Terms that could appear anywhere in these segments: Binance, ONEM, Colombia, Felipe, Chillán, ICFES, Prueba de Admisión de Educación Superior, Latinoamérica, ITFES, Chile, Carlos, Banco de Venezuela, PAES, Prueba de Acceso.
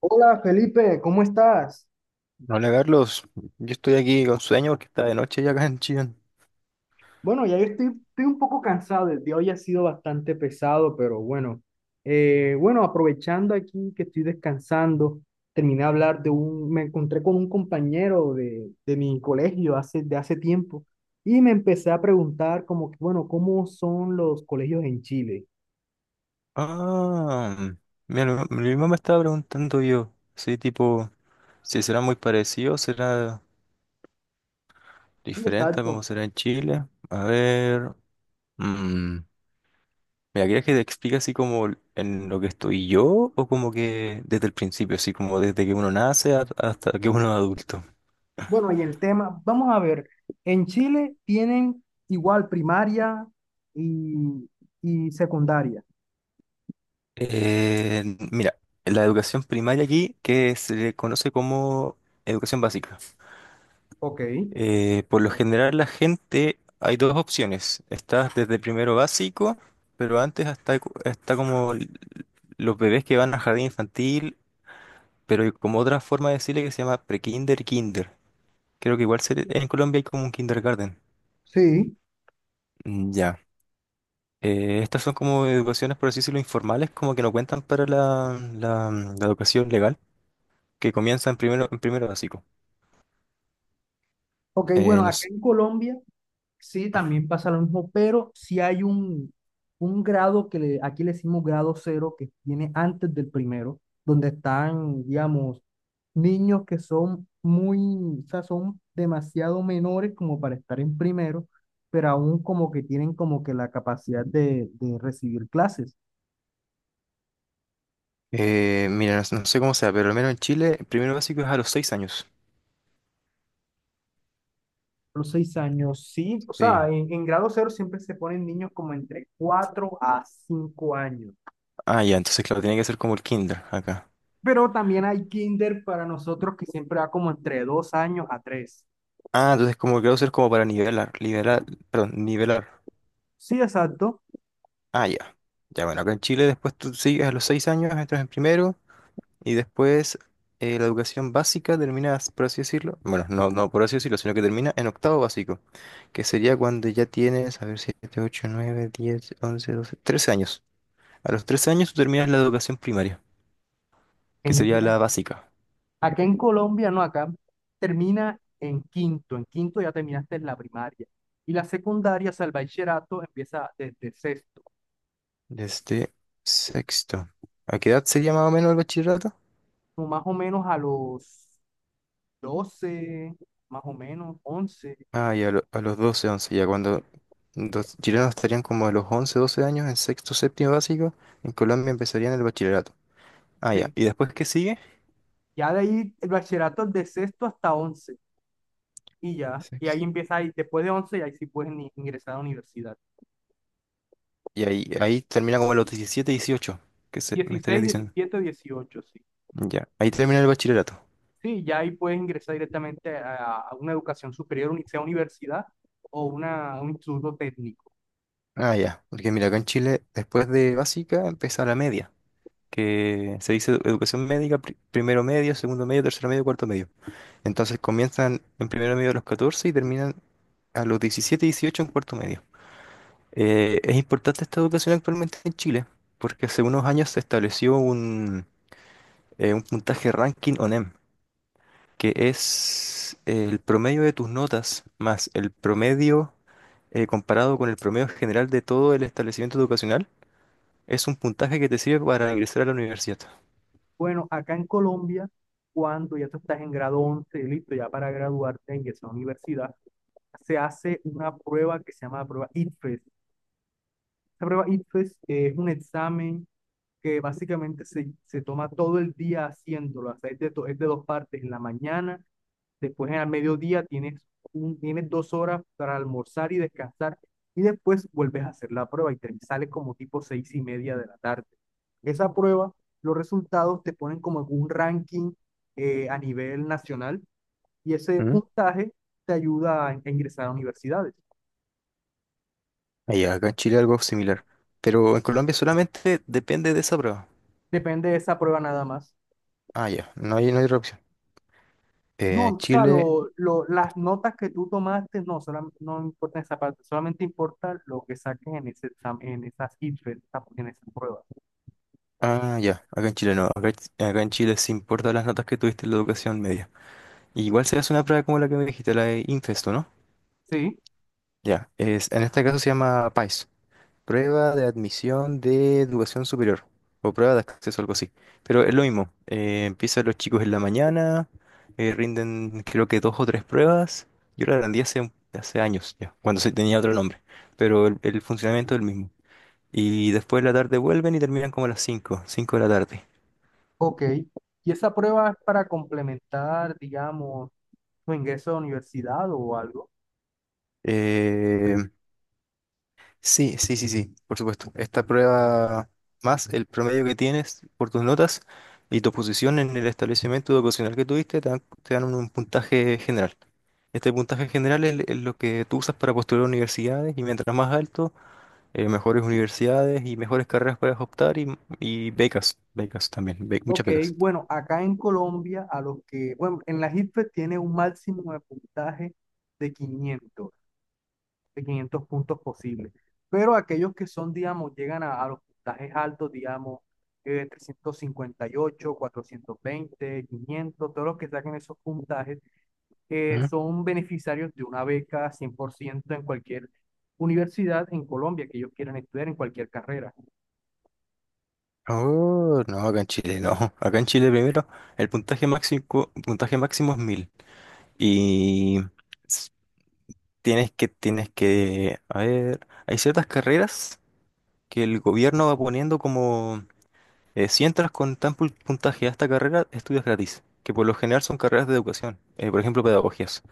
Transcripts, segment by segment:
Hola Felipe, ¿cómo estás? Hola Carlos, yo estoy aquí con sueño porque está de noche ya acá en Chillán. Bueno, ya yo estoy un poco cansado, el día hoy ha sido bastante pesado, pero bueno. Bueno, aprovechando aquí que estoy descansando, terminé de hablar me encontré con un compañero de mi colegio de hace tiempo, y me empecé a preguntar como que, bueno, ¿cómo son los colegios en Chile? Ah, mira, mi mamá me estaba preguntando yo, sí, tipo, si será muy parecido, será Sí, diferente a exacto. como será en Chile. A ver, mm, mira, ¿quieres que te explique así como en lo que estoy yo o como que desde el principio, así como desde que hasta que uno es adulto? Bueno, y el tema, vamos a ver, en Chile tienen igual primaria y, y secundaria. Eh, mira, la educación primaria aquí, que se le conoce como educación básica. Ok. Por lo general la gente, hay dos opciones. Estás desde primero básico, pero antes está los bebés que van a jardín infantil, pero hay como otra forma de decirle que se llama pre-kinder y kinder. Creo que en Colombia hay como un kindergarten. Sí, Mm, ya. Estas son como educaciones, por así decirlo, informales, como que no cuentan para la educación legal, que comienza en primero básico. ok, Eh, bueno, no acá s- en Colombia sí también pasa lo mismo, pero sí hay un grado aquí le decimos grado cero, que viene antes del primero, donde están, digamos, niños que son muy, o sea, son demasiado menores como para estar en primero, pero aún como que tienen como que la capacidad de recibir clases. Mira, no sé cómo sea, pero al menos en Chile, primero básico es a los seis años. Los 6 años, sí, o sea, Sí. En grado cero siempre se ponen niños como entre 4 a 5 años. Ah, ya, entonces claro, tiene que ser como el kinder acá. Pero también hay kinder para nosotros que siempre va como entre 2 años a 3. Ah, entonces como que va a ser como para nivelar. Sí, exacto. Ah, ya. Ya, bueno, acá en Chile después tú sigues a los seis años, entras en primero y después la educación básica terminas, por así decirlo, bueno, no por así decirlo, sino que termina en octavo básico, que sería cuando ya tienes, a ver, siete, ocho, nueve, diez, once, doce, trece años. A los trece años tú terminas la educación primaria, que En- sería la básica, Acá en Colombia, no, acá termina en quinto. En quinto ya terminaste la primaria. Y la secundaria, o sea, el bachillerato empieza desde sexto, desde sexto. ¿A qué edad sería más o menos el bachillerato? como más o menos a los 12, más o menos 11. A los 12 11 ya cuando los chilenos estarían como a los 11 12 años en sexto, séptimo básico, en Colombia empezarían el bachillerato. Ah, ya. Sí. ¿Y después qué sigue? Ya de ahí el bachillerato es de sexto hasta once. Y ya, y ahí Sexto. empieza, ahí, después de once, y ahí sí puedes ingresar a la universidad. Y ahí termina como a los 17 18 que se, me estarías dieciséis diciendo. diecisiete dieciocho sí. Ya, ahí termina el bachillerato. Sí, ya ahí puedes ingresar directamente a una educación superior, sea universidad o un instituto técnico. Ah, ya, porque mira, acá en Chile, después de básica, empieza la media, que se dice educación médica, primero medio, segundo medio, tercero medio, cuarto medio. Entonces comienzan en primero medio a los 14 y terminan a los 17 18 en cuarto medio. Es importante esta educación actualmente en Chile, porque hace unos años se estableció un puntaje ranking ONEM, que es el promedio de tus notas más el promedio comparado con el promedio general de todo el establecimiento educacional. Es un puntaje que te sirve para ingresar a la universidad. Bueno, acá en Colombia, cuando ya tú estás en grado 11, listo, ya para graduarte, ingresar a la universidad, se hace una prueba que se llama la prueba ITFES. Esta prueba ITFES es un examen que básicamente se toma todo el día haciéndolo, o sea, es es de dos partes, en la mañana. Después, al mediodía, tienes 2 horas para almorzar y descansar. Y después vuelves a hacer la prueba y te sale como tipo 6:30 de la tarde. Esa prueba, los resultados te ponen como en un ranking, a nivel nacional, y ese ¿Mm? puntaje te ayuda a ingresar a universidades. Ah, acá en Chile algo similar, pero en Colombia solamente depende de esa prueba. Depende de esa prueba nada más. Ah, ya, no hay otra opción. No, En o sea, Chile las notas que tú tomaste, no, no importa esa parte, solamente importa lo que saques en en esas ITFES, en esas pruebas. ah, ya, acá en Chile no, acá, acá en Chile se importan las notas que tuviste en la educación media. Igual se hace una prueba como la que me dijiste, la de Infesto, ¿no? Sí. Ya, es, en este caso se llama PAES, Prueba de Admisión de Educación Superior, o Prueba de Acceso, algo así. Pero es lo mismo, empiezan los chicos en la mañana, rinden creo que dos o tres pruebas. Yo la rendí hace años ya, cuando se tenía otro nombre, pero el funcionamiento es el mismo. Y después de la tarde vuelven y terminan como a las cinco, cinco de la tarde. Ok. ¿Y esa prueba es para complementar, digamos, tu ingreso a la universidad o algo? Eh, Sí, sí, sí, sí, por supuesto. Esta prueba más el promedio que tienes por tus notas y tu posición en el establecimiento educacional que tuviste te te dan un puntaje general. Este puntaje general es lo que tú usas para postular a universidades y mientras más alto, mejores universidades y mejores carreras puedes optar y becas, becas también, muchas Ok, becas. bueno, acá en Colombia, a los que, bueno, en la ICFES tiene un máximo de puntaje de 500, de 500 puntos posibles. Pero aquellos que son, digamos, llegan a los puntajes altos, digamos, 358, 420, 500. Todos los que saquen esos puntajes ¿Mm? son beneficiarios de una beca 100% en cualquier universidad en Colombia que ellos quieran estudiar en cualquier carrera. Oh, no, acá en Chile no. Acá en Chile primero el puntaje máximo es 1000 y tienes que tienes que, a ver, hay ciertas carreras que el gobierno va poniendo como, si entras con puntaje a esta carrera, estudias gratis, que por lo general son carreras de educación, por ejemplo, pedagogías.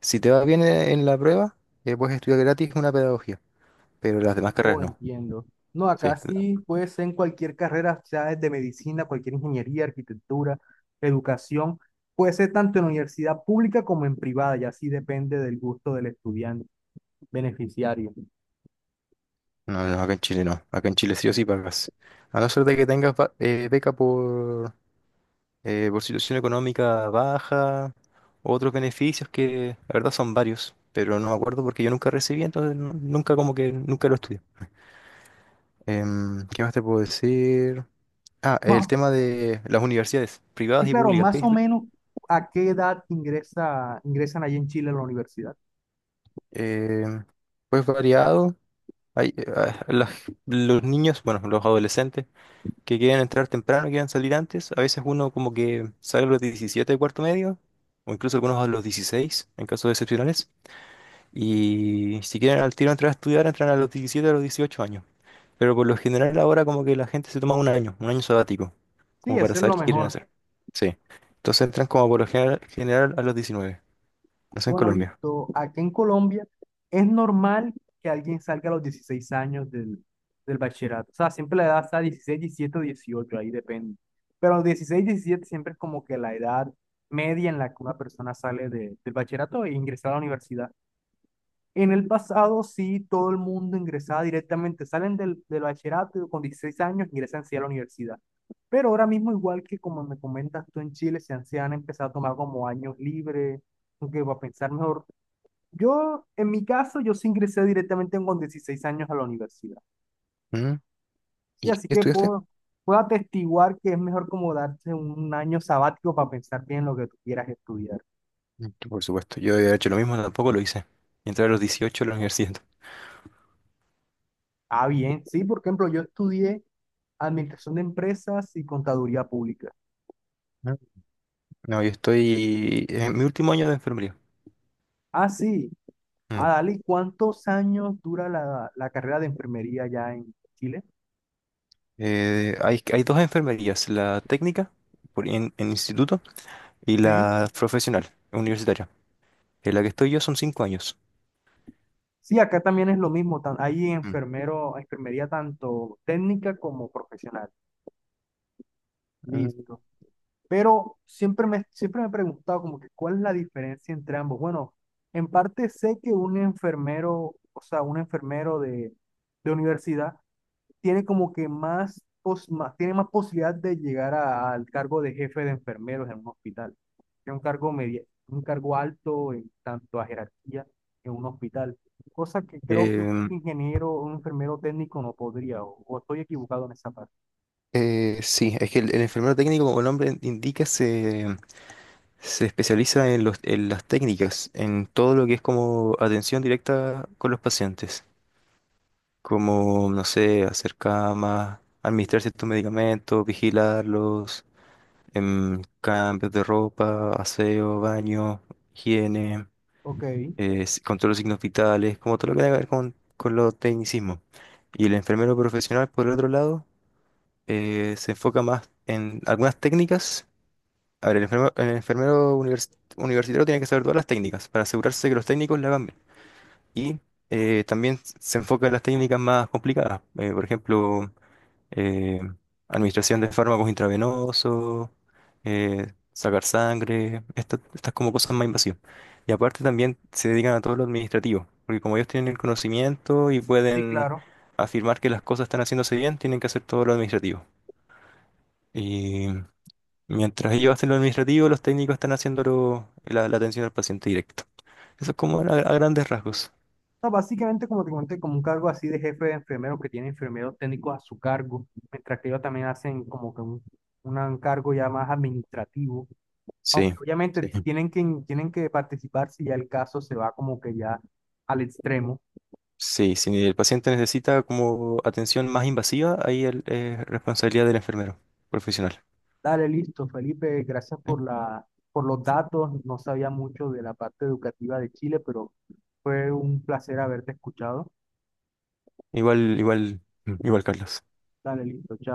Si te va bien en la prueba, puedes estudiar gratis una pedagogía, pero las demás carreras Oh, no. entiendo. No, Sí, acá sí puede ser en cualquier carrera, sea desde medicina, cualquier ingeniería, arquitectura, educación. Puede ser tanto en universidad pública como en privada, y así depende del gusto del estudiante beneficiario. No, acá en Chile no, acá en Chile sí o sí pagas. A no ser de que beca por situación económica baja, otros beneficios que la verdad son varios, pero no me acuerdo porque yo nunca recibí, entonces nunca como que nunca lo estudié. ¿Qué más te puedo decir? Ah, el Ma- tema de las universidades privadas sí, y claro, públicas, más o menos a qué edad ingresan allí en Chile a la universidad. em, pues variado. Hay, eh, ah, las- los niños, bueno, los adolescentes que quieren entrar temprano, quieren salir antes. A veces uno como que sale a los 17 de cuarto medio, o incluso algunos a los 16 en casos excepcionales. Y si quieren al tiro entrar a estudiar, entran a los 17 a los 18 años. Pero por lo general ahora como que la gente se toma un año sabático, Sí, como para eso es lo saber qué quieren mejor. hacer. Sí. Entonces entran como por lo general, general a los diecinueve. No sé en Bueno, Colombia. listo. Aquí en Colombia es normal que alguien salga a los 16 años del bachillerato. O sea, siempre la edad está 16, 17 o 18, ahí depende. Pero los 16, 17 siempre es como que la edad media en la que una persona sale del bachillerato e ingresa a la universidad. En el pasado sí, todo el mundo ingresaba directamente, salen del bachillerato y con 16 años, ingresan sí a la universidad. Pero ahora mismo, igual que como me comentas tú en Chile, se han empezado a tomar como años libres, que va a pensar mejor. Yo, en mi caso, yo sí ingresé directamente con 16 años a la universidad. ¿Mm? Sí, ¿Y qué así que estudiaste? Puedo atestiguar que es mejor como darse un año sabático para pensar bien lo que tú quieras estudiar. Mm, por supuesto, yo he hecho lo mismo, tampoco lo hice. Entré a los dieciocho a la universidad. Ah, bien, sí, por ejemplo, yo estudié administración de empresas y contaduría pública. Mm. No, yo estoy en mi último año de enfermería. Ah, sí, ah, Mm. dale, ¿y cuántos años dura la carrera de enfermería allá en Chile? Hay, hay dos enfermerías, la técnica en instituto y Sí. la profesional, universitaria. En la que estoy yo son cinco años. Sí, acá también es lo mismo. Hay Mm. enfermero, enfermería tanto técnica como profesional. Ah, Listo. Pero siempre me he preguntado como que cuál es la diferencia entre ambos. Bueno, en parte sé que un enfermero, o sea, un enfermero de universidad tiene como que más, tiene más posibilidad de llegar al cargo de jefe de enfermeros en un hospital. Que un cargo media, un cargo alto en tanto a jerarquía en un hospital. Cosa que creo que un Em, ingeniero o un enfermero técnico no podría, o estoy equivocado en esa parte. Sí, es que el enfermero técnico, como el nombre indica, se especializa en en las técnicas, en todo lo que es como atención directa con los pacientes, como, no sé, hacer camas, administrar ciertos medicamentos, vigilarlos, em, cambios de ropa, aseo, baño, higiene. Ok, Con todos los signos vitales, como todo lo que tenga que ver con los tecnicismos. Y el enfermero profesional, por el otro lado, se enfoca más en algunas técnicas. A ver, el enfermero universitario tiene que saber todas las técnicas para asegurarse que los técnicos la hagan bien. Y también se enfoca en las técnicas más complicadas. Por ejemplo, eh, administración de fármacos intravenosos, sacar sangre, estas como cosas más invasivas. Y aparte también se dedican a todo lo administrativo, porque como ellos tienen el conocimiento y sí, pueden claro. afirmar que las cosas están haciéndose bien, tienen que hacer todo lo administrativo. Y mientras ellos hacen lo administrativo, los técnicos están haciendo la atención al paciente directo. Eso es como a grandes rasgos. No, básicamente, como te comenté, como un cargo así de jefe de enfermeros que tiene enfermeros técnicos a su cargo, mientras que ellos también hacen como que un cargo ya más administrativo, aunque Sí, sí. obviamente tienen que participar si ya el caso se va como que ya al extremo. Sí, si el paciente necesita como atención más invasiva, ahí es responsabilidad del enfermero profesional. Dale, listo, Felipe, gracias ¿Eh? por por los datos. No sabía mucho de la parte educativa de Chile, pero fue un placer haberte escuchado. Igual, igual, igual, Carlos. Dale, listo, chao.